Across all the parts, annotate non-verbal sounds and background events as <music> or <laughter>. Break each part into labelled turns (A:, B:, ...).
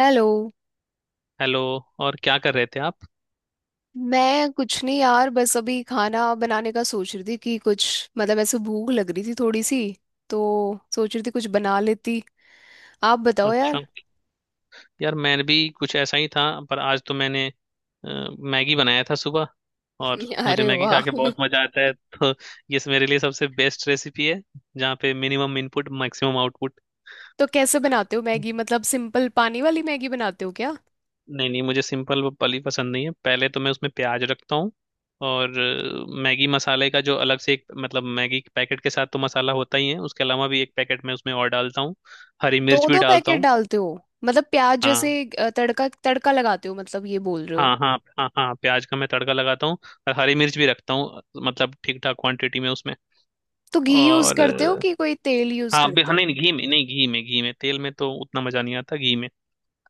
A: Hello.
B: Hello. और क्या कर रहे थे आप?
A: मैं कुछ नहीं यार, बस अभी खाना बनाने का सोच रही थी कि कुछ मतलब ऐसे भूख लग रही थी थोड़ी सी, तो सोच रही थी कुछ बना लेती। आप बताओ
B: अच्छा।
A: यार।
B: यार मैं भी कुछ ऐसा ही था। पर आज तो मैंने मैगी बनाया था सुबह। और
A: <laughs>
B: मुझे
A: अरे
B: मैगी खा
A: वाह।
B: के बहुत मजा आता है, तो ये मेरे लिए सबसे बेस्ट रेसिपी है। जहाँ पे मिनिमम इनपुट, मैक्सिमम आउटपुट।
A: तो कैसे बनाते हो मैगी, मतलब सिंपल पानी वाली मैगी बनाते हो क्या?
B: नहीं नहीं, मुझे सिंपल वाली पसंद नहीं है। पहले तो मैं उसमें प्याज रखता हूँ। और मैगी मसाले का जो अलग से एक, मतलब मैगी के पैकेट के साथ तो मसाला होता ही है, उसके अलावा भी एक पैकेट मैं उसमें और डालता हूँ। हरी
A: दो
B: मिर्च भी
A: दो
B: डालता
A: पैकेट
B: हूँ।
A: डालते हो? मतलब प्याज
B: हाँ।
A: जैसे तड़का तड़का लगाते हो, मतलब ये बोल रहे हो?
B: हाँ हाँ हाँ हाँ, प्याज का मैं तड़का लगाता हूँ। और हरी मिर्च भी रखता हूँ। मतलब ठीक ठाक क्वांटिटी में उसमें।
A: तो घी यूज
B: और
A: करते हो कि कोई तेल यूज करते
B: हाँ,
A: हो?
B: नहीं नहीं, घी में नहीं, घी में, घी में तेल में तो उतना मजा नहीं आता, घी में।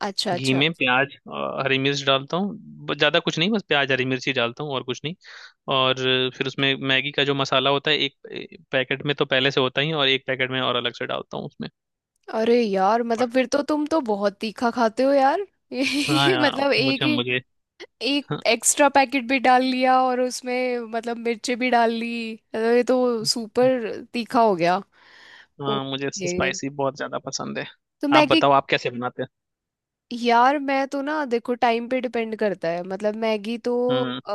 A: अच्छा
B: घी
A: अच्छा।
B: में प्याज, हरी मिर्च डालता हूँ। ज्यादा कुछ नहीं, बस प्याज हरी मिर्च ही डालता हूँ, और कुछ नहीं। और फिर उसमें मैगी का जो मसाला होता है, एक एक पैकेट में तो पहले से होता ही है, और एक पैकेट में और अलग से डालता हूँ उसमें।
A: अरे यार, मतलब फिर तो तुम तो बहुत तीखा खाते हो यार। <laughs>
B: हाँ
A: ये
B: यार,
A: मतलब एक
B: मुझे
A: ही,
B: मुझे
A: एक
B: हाँ
A: एक्स्ट्रा पैकेट भी डाल लिया और उसमें मतलब मिर्ची भी डाल ली, अरे ये तो सुपर तीखा हो गया।
B: हाँ, मुझे
A: ओके।
B: स्पाइसी बहुत ज्यादा पसंद है।
A: तो
B: आप
A: मैगी,
B: बताओ, आप कैसे बनाते हैं?
A: यार मैं तो ना देखो टाइम पे डिपेंड करता है, मतलब मैगी तो
B: हम्म।
A: अ,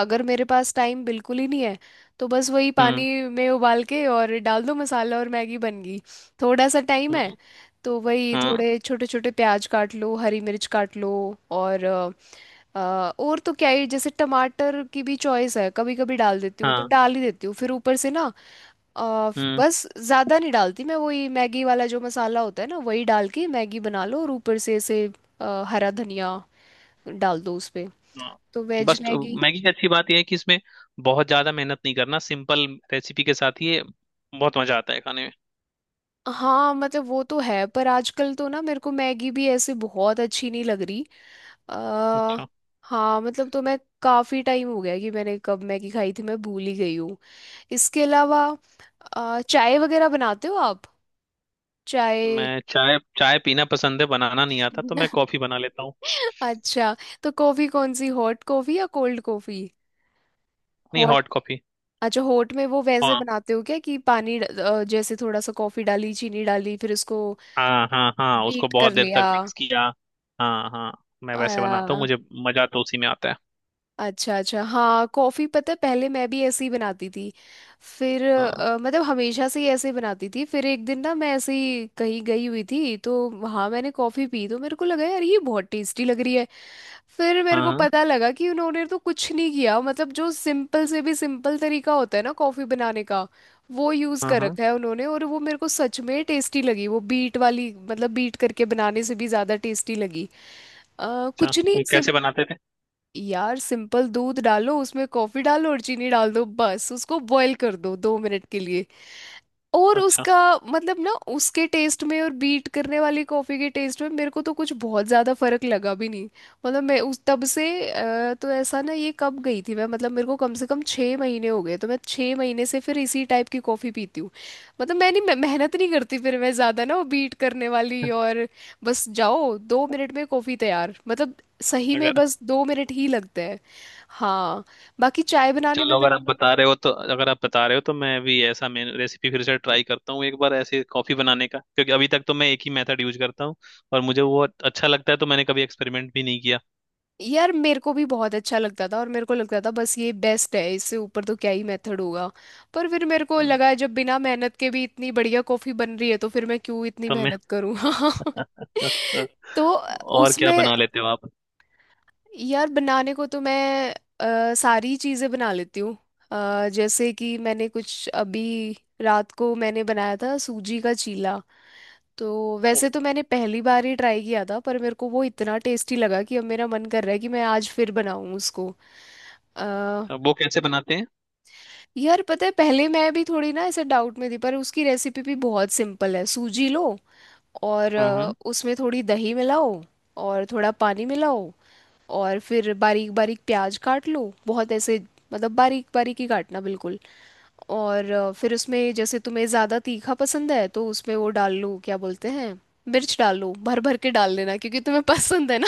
A: अगर मेरे पास टाइम बिल्कुल ही नहीं है तो बस वही पानी
B: हम्म।
A: में उबाल के और डाल दो मसाला और मैगी बन गई। थोड़ा सा टाइम है
B: हम्म।
A: तो वही
B: हाँ
A: थोड़े छोटे छोटे प्याज काट लो, हरी मिर्च काट लो और अ, और तो क्या ही, जैसे टमाटर की भी चॉइस है, कभी कभी डाल देती हूँ तो
B: हाँ।
A: डाल ही देती हूँ फिर ऊपर से ना। अ,
B: हम्म।
A: बस ज़्यादा नहीं डालती मैं, वही मैगी वाला जो मसाला होता है ना, वही डाल के मैगी बना लो और ऊपर से ऐसे हरा धनिया डाल दो उस पे,
B: हाँ।
A: तो वेज
B: बस, तो
A: मैगी।
B: मैगी की अच्छी बात यह है कि इसमें बहुत ज्यादा मेहनत नहीं करना, सिंपल रेसिपी के साथ ही ये बहुत मजा आता है खाने में।
A: हाँ मतलब वो तो है, पर आजकल तो ना मेरे को मैगी भी ऐसे बहुत अच्छी नहीं लग रही। आ,
B: अच्छा।
A: हाँ मतलब, तो मैं काफ़ी टाइम हो गया कि मैंने कब मैगी खाई थी, मैं भूल ही गई हूँ। इसके अलावा चाय वगैरह बनाते हो आप? चाय।
B: मैं चाय चाय पीना पसंद है, बनाना नहीं आता, तो मैं कॉफी
A: <laughs>
B: बना लेता हूँ।
A: अच्छा, तो कॉफी कौन सी, हॉट कॉफी या कोल्ड कॉफी?
B: नहीं,
A: हॉट।
B: Hot coffee.
A: अच्छा हॉट में वो वैसे
B: हाँ
A: बनाते हो क्या कि पानी जैसे थोड़ा सा कॉफी डाली, चीनी डाली, फिर उसको
B: हाँ हाँ हाँ, उसको
A: बीट
B: बहुत
A: कर
B: देर
A: लिया?
B: तक मिक्स किया। हाँ हाँ। मैं वैसे बनाता हूँ, मुझे मजा तो उसी में आता है।
A: अच्छा अच्छा। हाँ कॉफ़ी पता है पहले मैं भी ऐसे ही बनाती थी। फिर
B: हाँ
A: मतलब हमेशा से ही ऐसे बनाती थी, फिर एक दिन ना मैं ऐसे ही कहीं गई हुई थी तो वहाँ मैंने कॉफ़ी पी तो मेरे को लगा यार ये बहुत टेस्टी लग रही है। फिर मेरे को
B: हाँ
A: पता लगा कि उन्होंने तो कुछ नहीं किया, मतलब जो सिंपल से भी सिंपल तरीका होता है ना कॉफ़ी बनाने का वो यूज़
B: हाँ
A: कर
B: हाँ हाँ
A: रखा है उन्होंने, और वो मेरे को सच में टेस्टी लगी, वो बीट वाली मतलब बीट करके बनाने से भी ज़्यादा टेस्टी लगी।
B: अच्छा,
A: कुछ नहीं,
B: वो कैसे बनाते थे?
A: यार सिंपल दूध डालो, उसमें कॉफी डालो और चीनी डाल दो, बस उसको बॉईल कर दो 2 मिनट के लिए और
B: अच्छा।
A: उसका मतलब ना, उसके टेस्ट में और बीट करने वाली कॉफ़ी के टेस्ट में मेरे को तो कुछ बहुत ज़्यादा फर्क लगा भी नहीं। मतलब मैं उस तब से तो ऐसा ना, ये कब गई थी मैं, मतलब मेरे को कम से कम 6 महीने हो गए, तो मैं 6 महीने से फिर इसी टाइप की कॉफ़ी पीती हूँ। मतलब मैं नहीं, मैं मेहनत नहीं करती फिर, मैं ज़्यादा ना वो बीट करने वाली और, बस जाओ 2 मिनट में कॉफ़ी तैयार, मतलब सही में
B: अगर
A: बस 2 मिनट ही लगते हैं। हाँ बाकी चाय बनाने में
B: चलो,
A: मेरे
B: अगर आप
A: को,
B: बता रहे हो तो अगर आप बता रहे हो तो मैं भी ऐसा मेन रेसिपी फिर से ट्राई करता हूँ एक बार, ऐसे कॉफी बनाने का, क्योंकि अभी तक तो मैं एक ही मेथड यूज करता हूँ। और मुझे वो अच्छा लगता है, तो मैंने कभी एक्सपेरिमेंट भी नहीं किया।
A: यार मेरे को भी बहुत अच्छा लगता था और मेरे को लगता था बस ये बेस्ट है, इससे ऊपर तो क्या ही मेथड होगा, पर फिर मेरे को
B: हम्म।
A: लगा जब बिना मेहनत के भी इतनी बढ़िया कॉफी बन रही है तो फिर मैं क्यों इतनी
B: तो मैं।
A: मेहनत करूँ।
B: <laughs>
A: <laughs> तो
B: और क्या
A: उसमें,
B: बना लेते हो आप?
A: यार बनाने को तो मैं सारी चीज़ें बना लेती हूँ। जैसे कि मैंने कुछ अभी, रात को मैंने बनाया था सूजी का चीला, तो वैसे तो
B: अच्छा।
A: मैंने पहली बार ही ट्राई किया था पर मेरे को वो इतना टेस्टी लगा कि अब मेरा मन कर रहा है कि मैं आज फिर बनाऊं उसको। अ,
B: वो कैसे बनाते हैं?
A: यार पता है, पहले मैं भी थोड़ी ना ऐसे डाउट में थी, पर उसकी रेसिपी भी बहुत सिंपल है। सूजी लो और
B: हम्म।
A: उसमें थोड़ी दही मिलाओ और थोड़ा पानी मिलाओ, और फिर बारीक बारीक प्याज काट लो, बहुत ऐसे मतलब बारीक बारीक ही काटना बिल्कुल। और फिर उसमें, जैसे तुम्हें ज़्यादा तीखा पसंद है तो उसमें वो डाल लो क्या बोलते हैं, मिर्च डाल लो, भर भर के डाल लेना क्योंकि तुम्हें पसंद है ना।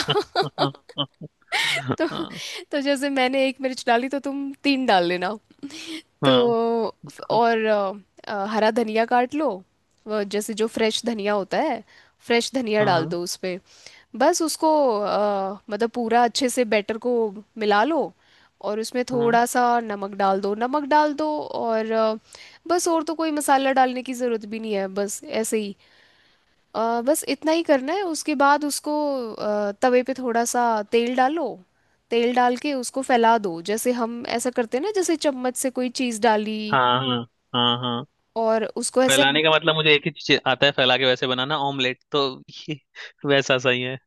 A: <laughs> <laughs> तो
B: हाँ
A: तो जैसे मैंने एक मिर्च डाली तो तुम तीन डाल लेना।
B: हाँ।
A: तो
B: बिल्कुल।
A: और हरा धनिया काट लो, वो जैसे जो फ्रेश धनिया होता है, फ्रेश धनिया
B: हाँ
A: डाल
B: हाँ
A: दो उस पे। बस उसको मतलब पूरा अच्छे से बैटर को मिला लो, और उसमें
B: हाँ
A: थोड़ा सा नमक डाल दो, नमक डाल दो और बस, और तो कोई मसाला डालने की ज़रूरत भी नहीं है, बस ऐसे ही। बस इतना ही करना है, उसके बाद उसको तवे पे थोड़ा सा तेल डालो, तेल डाल के उसको फैला दो, जैसे हम ऐसा करते हैं ना, जैसे चम्मच से कोई चीज़ डाली
B: हाँ हाँ हाँ। हाँ।
A: और उसको ऐसे,
B: फैलाने का मतलब मुझे एक ही चीज आता है, फैला के वैसे बनाना ऑमलेट। तो ये <laughs> वैसा सही है।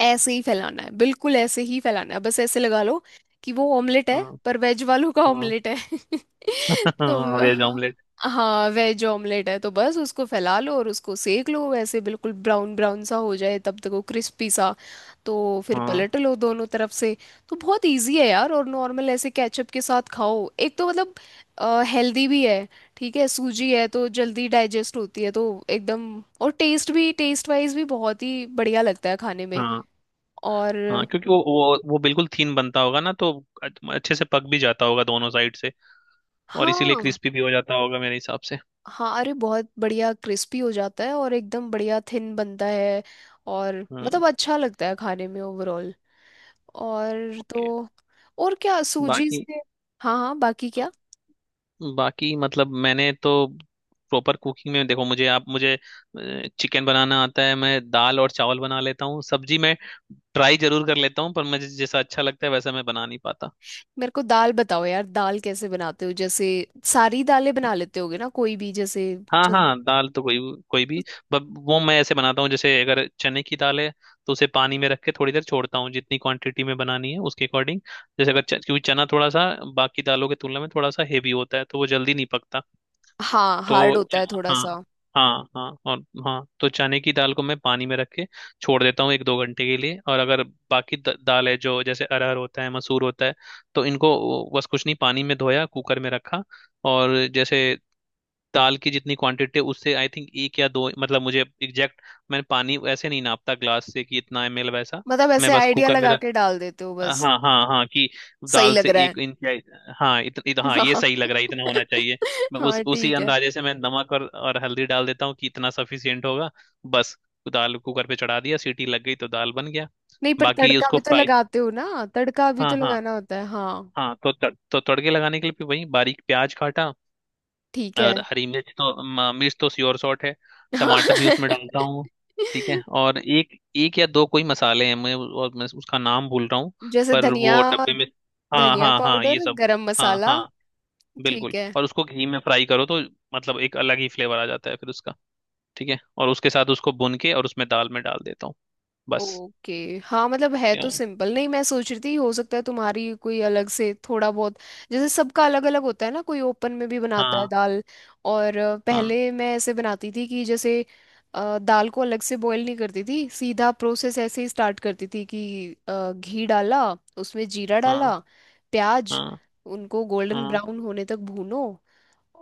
A: ऐसे ही फैलाना है, बिल्कुल ऐसे ही फैलाना है, बस ऐसे लगा लो कि वो ऑमलेट है,
B: हाँ
A: पर वेज वालों का
B: हाँ।
A: ऑमलेट है। <laughs> तो
B: हाँ, वेज
A: हाँ,
B: ऑमलेट।
A: हाँ वेज ऑमलेट है। तो बस उसको फैला लो और उसको सेक लो ऐसे बिल्कुल, ब्राउन ब्राउन सा हो जाए तब तक, वो क्रिस्पी सा, तो फिर
B: हाँ
A: पलट लो दोनों तरफ से। तो बहुत इजी है यार, और नॉर्मल ऐसे केचप के साथ खाओ, एक तो मतलब हेल्दी भी है, ठीक है सूजी है तो जल्दी डाइजेस्ट होती है, तो एकदम। और टेस्ट भी, टेस्ट वाइज भी बहुत ही बढ़िया लगता है खाने में।
B: हाँ हाँ,
A: और
B: क्योंकि वो बिल्कुल थीन बनता होगा ना, तो अच्छे से पक भी जाता होगा दोनों साइड से। और इसीलिए
A: हाँ
B: क्रिस्पी भी हो जाता होगा मेरे हिसाब से।
A: हाँ, अरे बहुत बढ़िया क्रिस्पी हो जाता है, और एकदम बढ़िया थिन बनता है। और
B: हम्म।
A: मतलब अच्छा लगता है खाने में ओवरऑल। और
B: ओके।
A: तो, और क्या सूजी
B: बाकी।
A: से, हाँ हाँ बाकी क्या।
B: बाकी मतलब, मैंने तो प्रॉपर कुकिंग में देखो, मुझे चिकन बनाना आता है, मैं दाल और चावल बना लेता हूँ। सब्जी मैं ट्राई जरूर कर लेता हूँ, पर मुझे जैसा अच्छा लगता है वैसा मैं बना नहीं पाता।
A: मेरे को दाल बताओ यार, दाल कैसे बनाते हो, जैसे सारी दालें बना लेते होगे ना कोई भी, जैसे
B: हाँ
A: चन-
B: हाँ, दाल तो कोई कोई भी। बट वो मैं ऐसे बनाता हूँ, जैसे अगर चने की दाल है तो उसे पानी में रख के थोड़ी देर छोड़ता हूँ, जितनी क्वांटिटी में बनानी है उसके अकॉर्डिंग। जैसे अगर च- क्योंकि चना थोड़ा सा बाकी दालों की तुलना में थोड़ा सा हेवी होता है, तो वो जल्दी नहीं पकता।
A: हाँ हार्ड
B: तो
A: होता
B: च-
A: है थोड़ा
B: हाँ
A: सा।
B: हाँ हाँ और। हाँ, तो चने की दाल को मैं पानी में रख के छोड़ देता हूँ एक दो घंटे के लिए, और अगर बाकी दाल है जो, जैसे अरहर होता है, मसूर होता है, तो इनको बस कुछ नहीं, पानी में धोया, कुकर में रखा। और जैसे दाल की जितनी क्वांटिटी है, उससे आई थिंक एक या दो, मतलब मुझे एग्जैक्ट। मैंने पानी ऐसे नहीं नापता ग्लास से कि इतना ml, वैसा।
A: मतलब
B: मैं
A: ऐसे
B: बस
A: आइडिया
B: कुकर में
A: लगा के डाल देते हो बस?
B: हाँ हाँ हाँ, कि
A: सही
B: दाल
A: लग
B: से
A: रहा है।
B: एक इंच या। हाँ इत, इत, हाँ, ये सही लग रहा है, इतना होना
A: <laughs> हाँ।
B: चाहिए। मैं उस
A: हाँ
B: उसी
A: ठीक है।
B: अंदाजे से मैं नमक और हल्दी डाल देता हूँ कि इतना सफिशियंट होगा। बस। दाल कुकर पे चढ़ा दिया, सीटी लग गई, तो दाल बन गया।
A: नहीं पर
B: बाकी
A: तड़का
B: उसको
A: भी तो
B: फ्राई।
A: लगाते हो ना, तड़का भी
B: हाँ
A: तो
B: हाँ।
A: लगाना होता है, हाँ।
B: हाँ, तो तड़के लगाने के लिए भी वही बारीक प्याज काटा।
A: ठीक है।
B: और हरी मिर्च तो मिर्च तो श्योर शॉट है।
A: हाँ।
B: टमाटर भी
A: <laughs>
B: उसमें डालता हूँ। ठीक है और एक, एक या दो कोई मसाले हैं, मैं और मैं उसका नाम भूल रहा हूँ।
A: जैसे
B: पर
A: धनिया,
B: वो डब्बे में। हाँ
A: धनिया
B: हाँ हाँ, ये
A: पाउडर,
B: सब।
A: गरम
B: हाँ
A: मसाला।
B: हाँ। बिल्कुल,
A: ठीक है।
B: और उसको घी में फ्राई करो तो मतलब एक अलग ही फ्लेवर आ जाता है फिर उसका। ठीक है, और उसके साथ उसको भून के और उसमें दाल में डाल देता हूँ। बस।
A: ओके। हाँ मतलब है तो
B: हाँ
A: सिंपल, नहीं मैं सोच रही थी हो सकता है तुम्हारी कोई अलग से थोड़ा बहुत, जैसे सबका अलग अलग होता है ना, कोई ओपन में भी बनाता है
B: हाँ
A: दाल। और
B: हाँ
A: पहले मैं ऐसे बनाती थी कि जैसे दाल को अलग से बॉईल नहीं करती थी, सीधा प्रोसेस ऐसे ही स्टार्ट करती थी कि घी डाला, उसमें जीरा
B: हाँ
A: डाला, प्याज,
B: हाँ
A: उनको गोल्डन ब्राउन होने तक भूनो,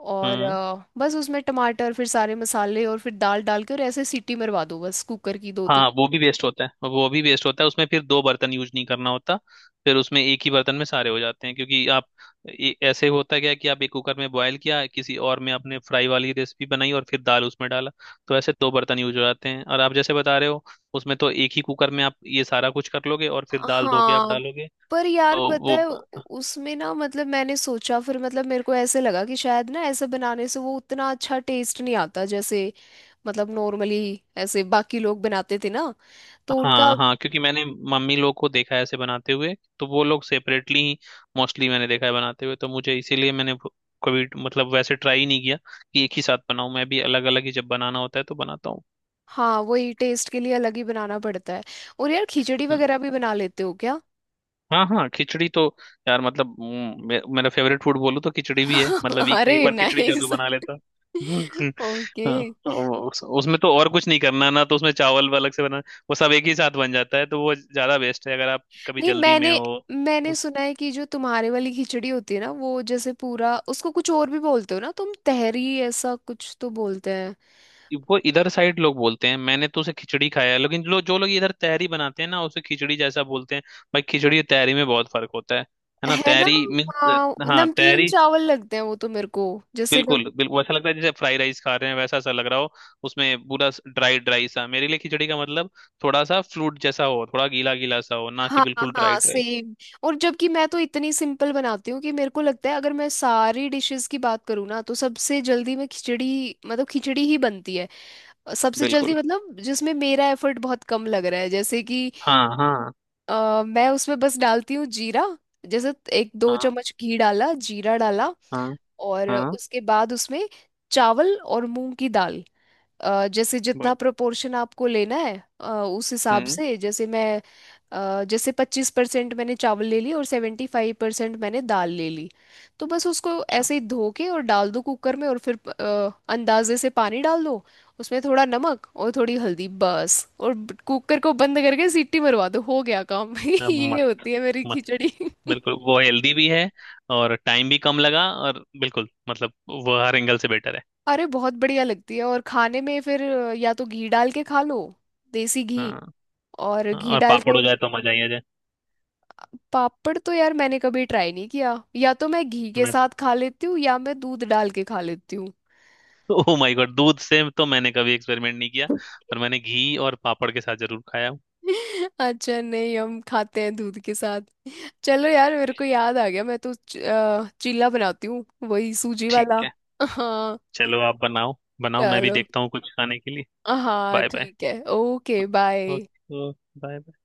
A: और
B: हाँ।
A: बस उसमें टमाटर, फिर सारे मसाले, और फिर दाल डाल के, और ऐसे सीटी मरवा दो बस कुकर की दो तीन।
B: हाँ, वो भी वेस्ट होता है, वो भी वेस्ट होता है उसमें, फिर दो बर्तन यूज नहीं करना होता। फिर उसमें एक ही बर्तन में सारे हो जाते हैं, क्योंकि आप, ऐसे होता क्या है कि आप एक कुकर में बॉयल किया, किसी और में आपने फ्राई वाली रेसिपी बनाई, और फिर दाल उसमें डाला। तो ऐसे दो बर्तन यूज हो जाते हैं, और आप जैसे बता रहे हो, उसमें तो एक ही कुकर में आप ये सारा कुछ कर लोगे और फिर दाल धो के आप
A: हाँ
B: डालोगे।
A: पर यार
B: तो
A: पता
B: वो।
A: है उसमें ना मतलब मैंने सोचा, फिर मतलब मेरे को ऐसे लगा कि शायद ना ऐसे बनाने से वो उतना अच्छा टेस्ट नहीं आता जैसे, मतलब नॉर्मली ऐसे बाकी लोग बनाते थे ना, तो उनका,
B: हाँ हाँ, क्योंकि मैंने मम्मी लोग को देखा है ऐसे बनाते हुए, तो वो लोग सेपरेटली मोस्टली मैंने देखा है बनाते हुए, तो मुझे इसीलिए मैंने कभी मतलब वैसे ट्राई नहीं किया कि एक ही साथ बनाऊं, मैं भी अलग अलग ही जब बनाना होता है तो बनाता हूँ।
A: हाँ वही टेस्ट के लिए अलग ही बनाना पड़ता है। और यार खिचड़ी
B: हम्म।
A: वगैरह भी बना लेते हो क्या?
B: हाँ हाँ, खिचड़ी तो यार मतलब मेरा फेवरेट फूड बोलूँ तो खिचड़ी भी है, मतलब
A: <laughs>
B: वीक में एक
A: अरे
B: बार खिचड़ी जरूर
A: नाइस।
B: बना लेता हूँ। <laughs>
A: ओके।
B: हाँ, तो उसमें तो और कुछ नहीं करना ना, तो उसमें चावल अलग से बना, वो सब एक ही साथ बन जाता है, तो वो ज्यादा बेस्ट है अगर आप कभी
A: नहीं
B: जल्दी में
A: मैंने,
B: हो।
A: मैंने सुना है कि जो तुम्हारे वाली खिचड़ी होती है ना वो जैसे पूरा, उसको कुछ और भी बोलते हो ना तुम, तहरी ऐसा कुछ तो बोलते हैं।
B: वो इधर साइड लोग बोलते हैं, मैंने तो उसे खिचड़ी खाया है, लेकिन जो जो लोग इधर तहरी बनाते हैं ना, उसे खिचड़ी जैसा बोलते हैं। भाई, खिचड़ी और तहरी में बहुत फर्क होता है ना?
A: है ना?
B: तहरी मीन्स।
A: हाँ
B: हाँ,
A: नमकीन
B: तहरी।
A: चावल लगते हैं वो तो मेरे को, जैसे नम,
B: बिल्कुल, बिल्कुल ऐसा लगता है जैसे फ्राई राइस खा रहे हैं, वैसा सा लग रहा हो। उसमें पूरा ड्राई ड्राई सा। मेरे लिए खिचड़ी का मतलब थोड़ा सा फ्लूट जैसा हो, थोड़ा गीला गीला सा हो, ना कि
A: हाँ
B: बिल्कुल ड्राई
A: हाँ
B: ड्राई।
A: सेम। और जबकि मैं तो इतनी सिंपल बनाती हूँ कि मेरे को लगता है अगर मैं सारी डिशेस की बात करूँ ना, तो सबसे जल्दी मैं खिचड़ी, मतलब खिचड़ी ही बनती है सबसे जल्दी,
B: बिल्कुल।
A: मतलब जिसमें मेरा एफर्ट बहुत कम लग रहा है, जैसे कि
B: हाँ हाँ
A: मैं उसमें बस डालती हूँ जीरा, जैसे एक दो
B: हाँ
A: चम्मच घी डाला, जीरा डाला,
B: हाँ
A: और
B: हाँ,
A: उसके बाद उसमें चावल और मूंग की दाल, जैसे जितना
B: बस।
A: प्रोपोर्शन आपको लेना है उस हिसाब
B: हम्म।
A: से, जैसे मैं जैसे 25% मैंने चावल ले ली और 75% मैंने दाल ले ली, तो बस उसको
B: अच्छा।
A: ऐसे ही धो के और डाल दो कुकर में, और फिर अंदाजे से पानी डाल दो, उसमें थोड़ा नमक और थोड़ी हल्दी बस, और कुकर को बंद करके सीटी मरवा दो, हो गया काम। <laughs>
B: अब
A: ये
B: मस्त।
A: होती है मेरी खिचड़ी। <laughs>
B: बिल्कुल, वो हेल्दी भी है और टाइम भी कम लगा और बिल्कुल मतलब वो हर एंगल से बेटर है।
A: अरे बहुत बढ़िया लगती है, और खाने में फिर या तो घी डाल के खा लो, देसी
B: हाँ
A: घी, और
B: हाँ,
A: घी
B: और
A: डाल
B: पापड़
A: के,
B: हो जाए तो मजा ही आ जाए।
A: पापड़ तो यार मैंने कभी ट्राई नहीं किया, या तो मैं घी के
B: मैं
A: साथ खा लेती हूँ या मैं दूध डाल के खा लेती हूँ।
B: ओह माय गॉड, दूध से तो मैंने कभी एक्सपेरिमेंट नहीं किया।
A: <laughs>
B: पर मैंने घी और पापड़ के साथ जरूर खाया हूँ।
A: अच्छा नहीं, हम खाते हैं दूध के साथ। चलो यार मेरे को याद आ गया, मैं तो चिल्ला बनाती हूँ, वही सूजी
B: ठीक
A: वाला।
B: है।
A: <laughs> हाँ।
B: चलो आप बनाओ। बनाओ, मैं भी
A: चलो।
B: देखता हूँ कुछ खाने के लिए।
A: हाँ
B: बाय बाय।
A: ठीक है, okay
B: okay.
A: Bye.
B: Okay. Bye.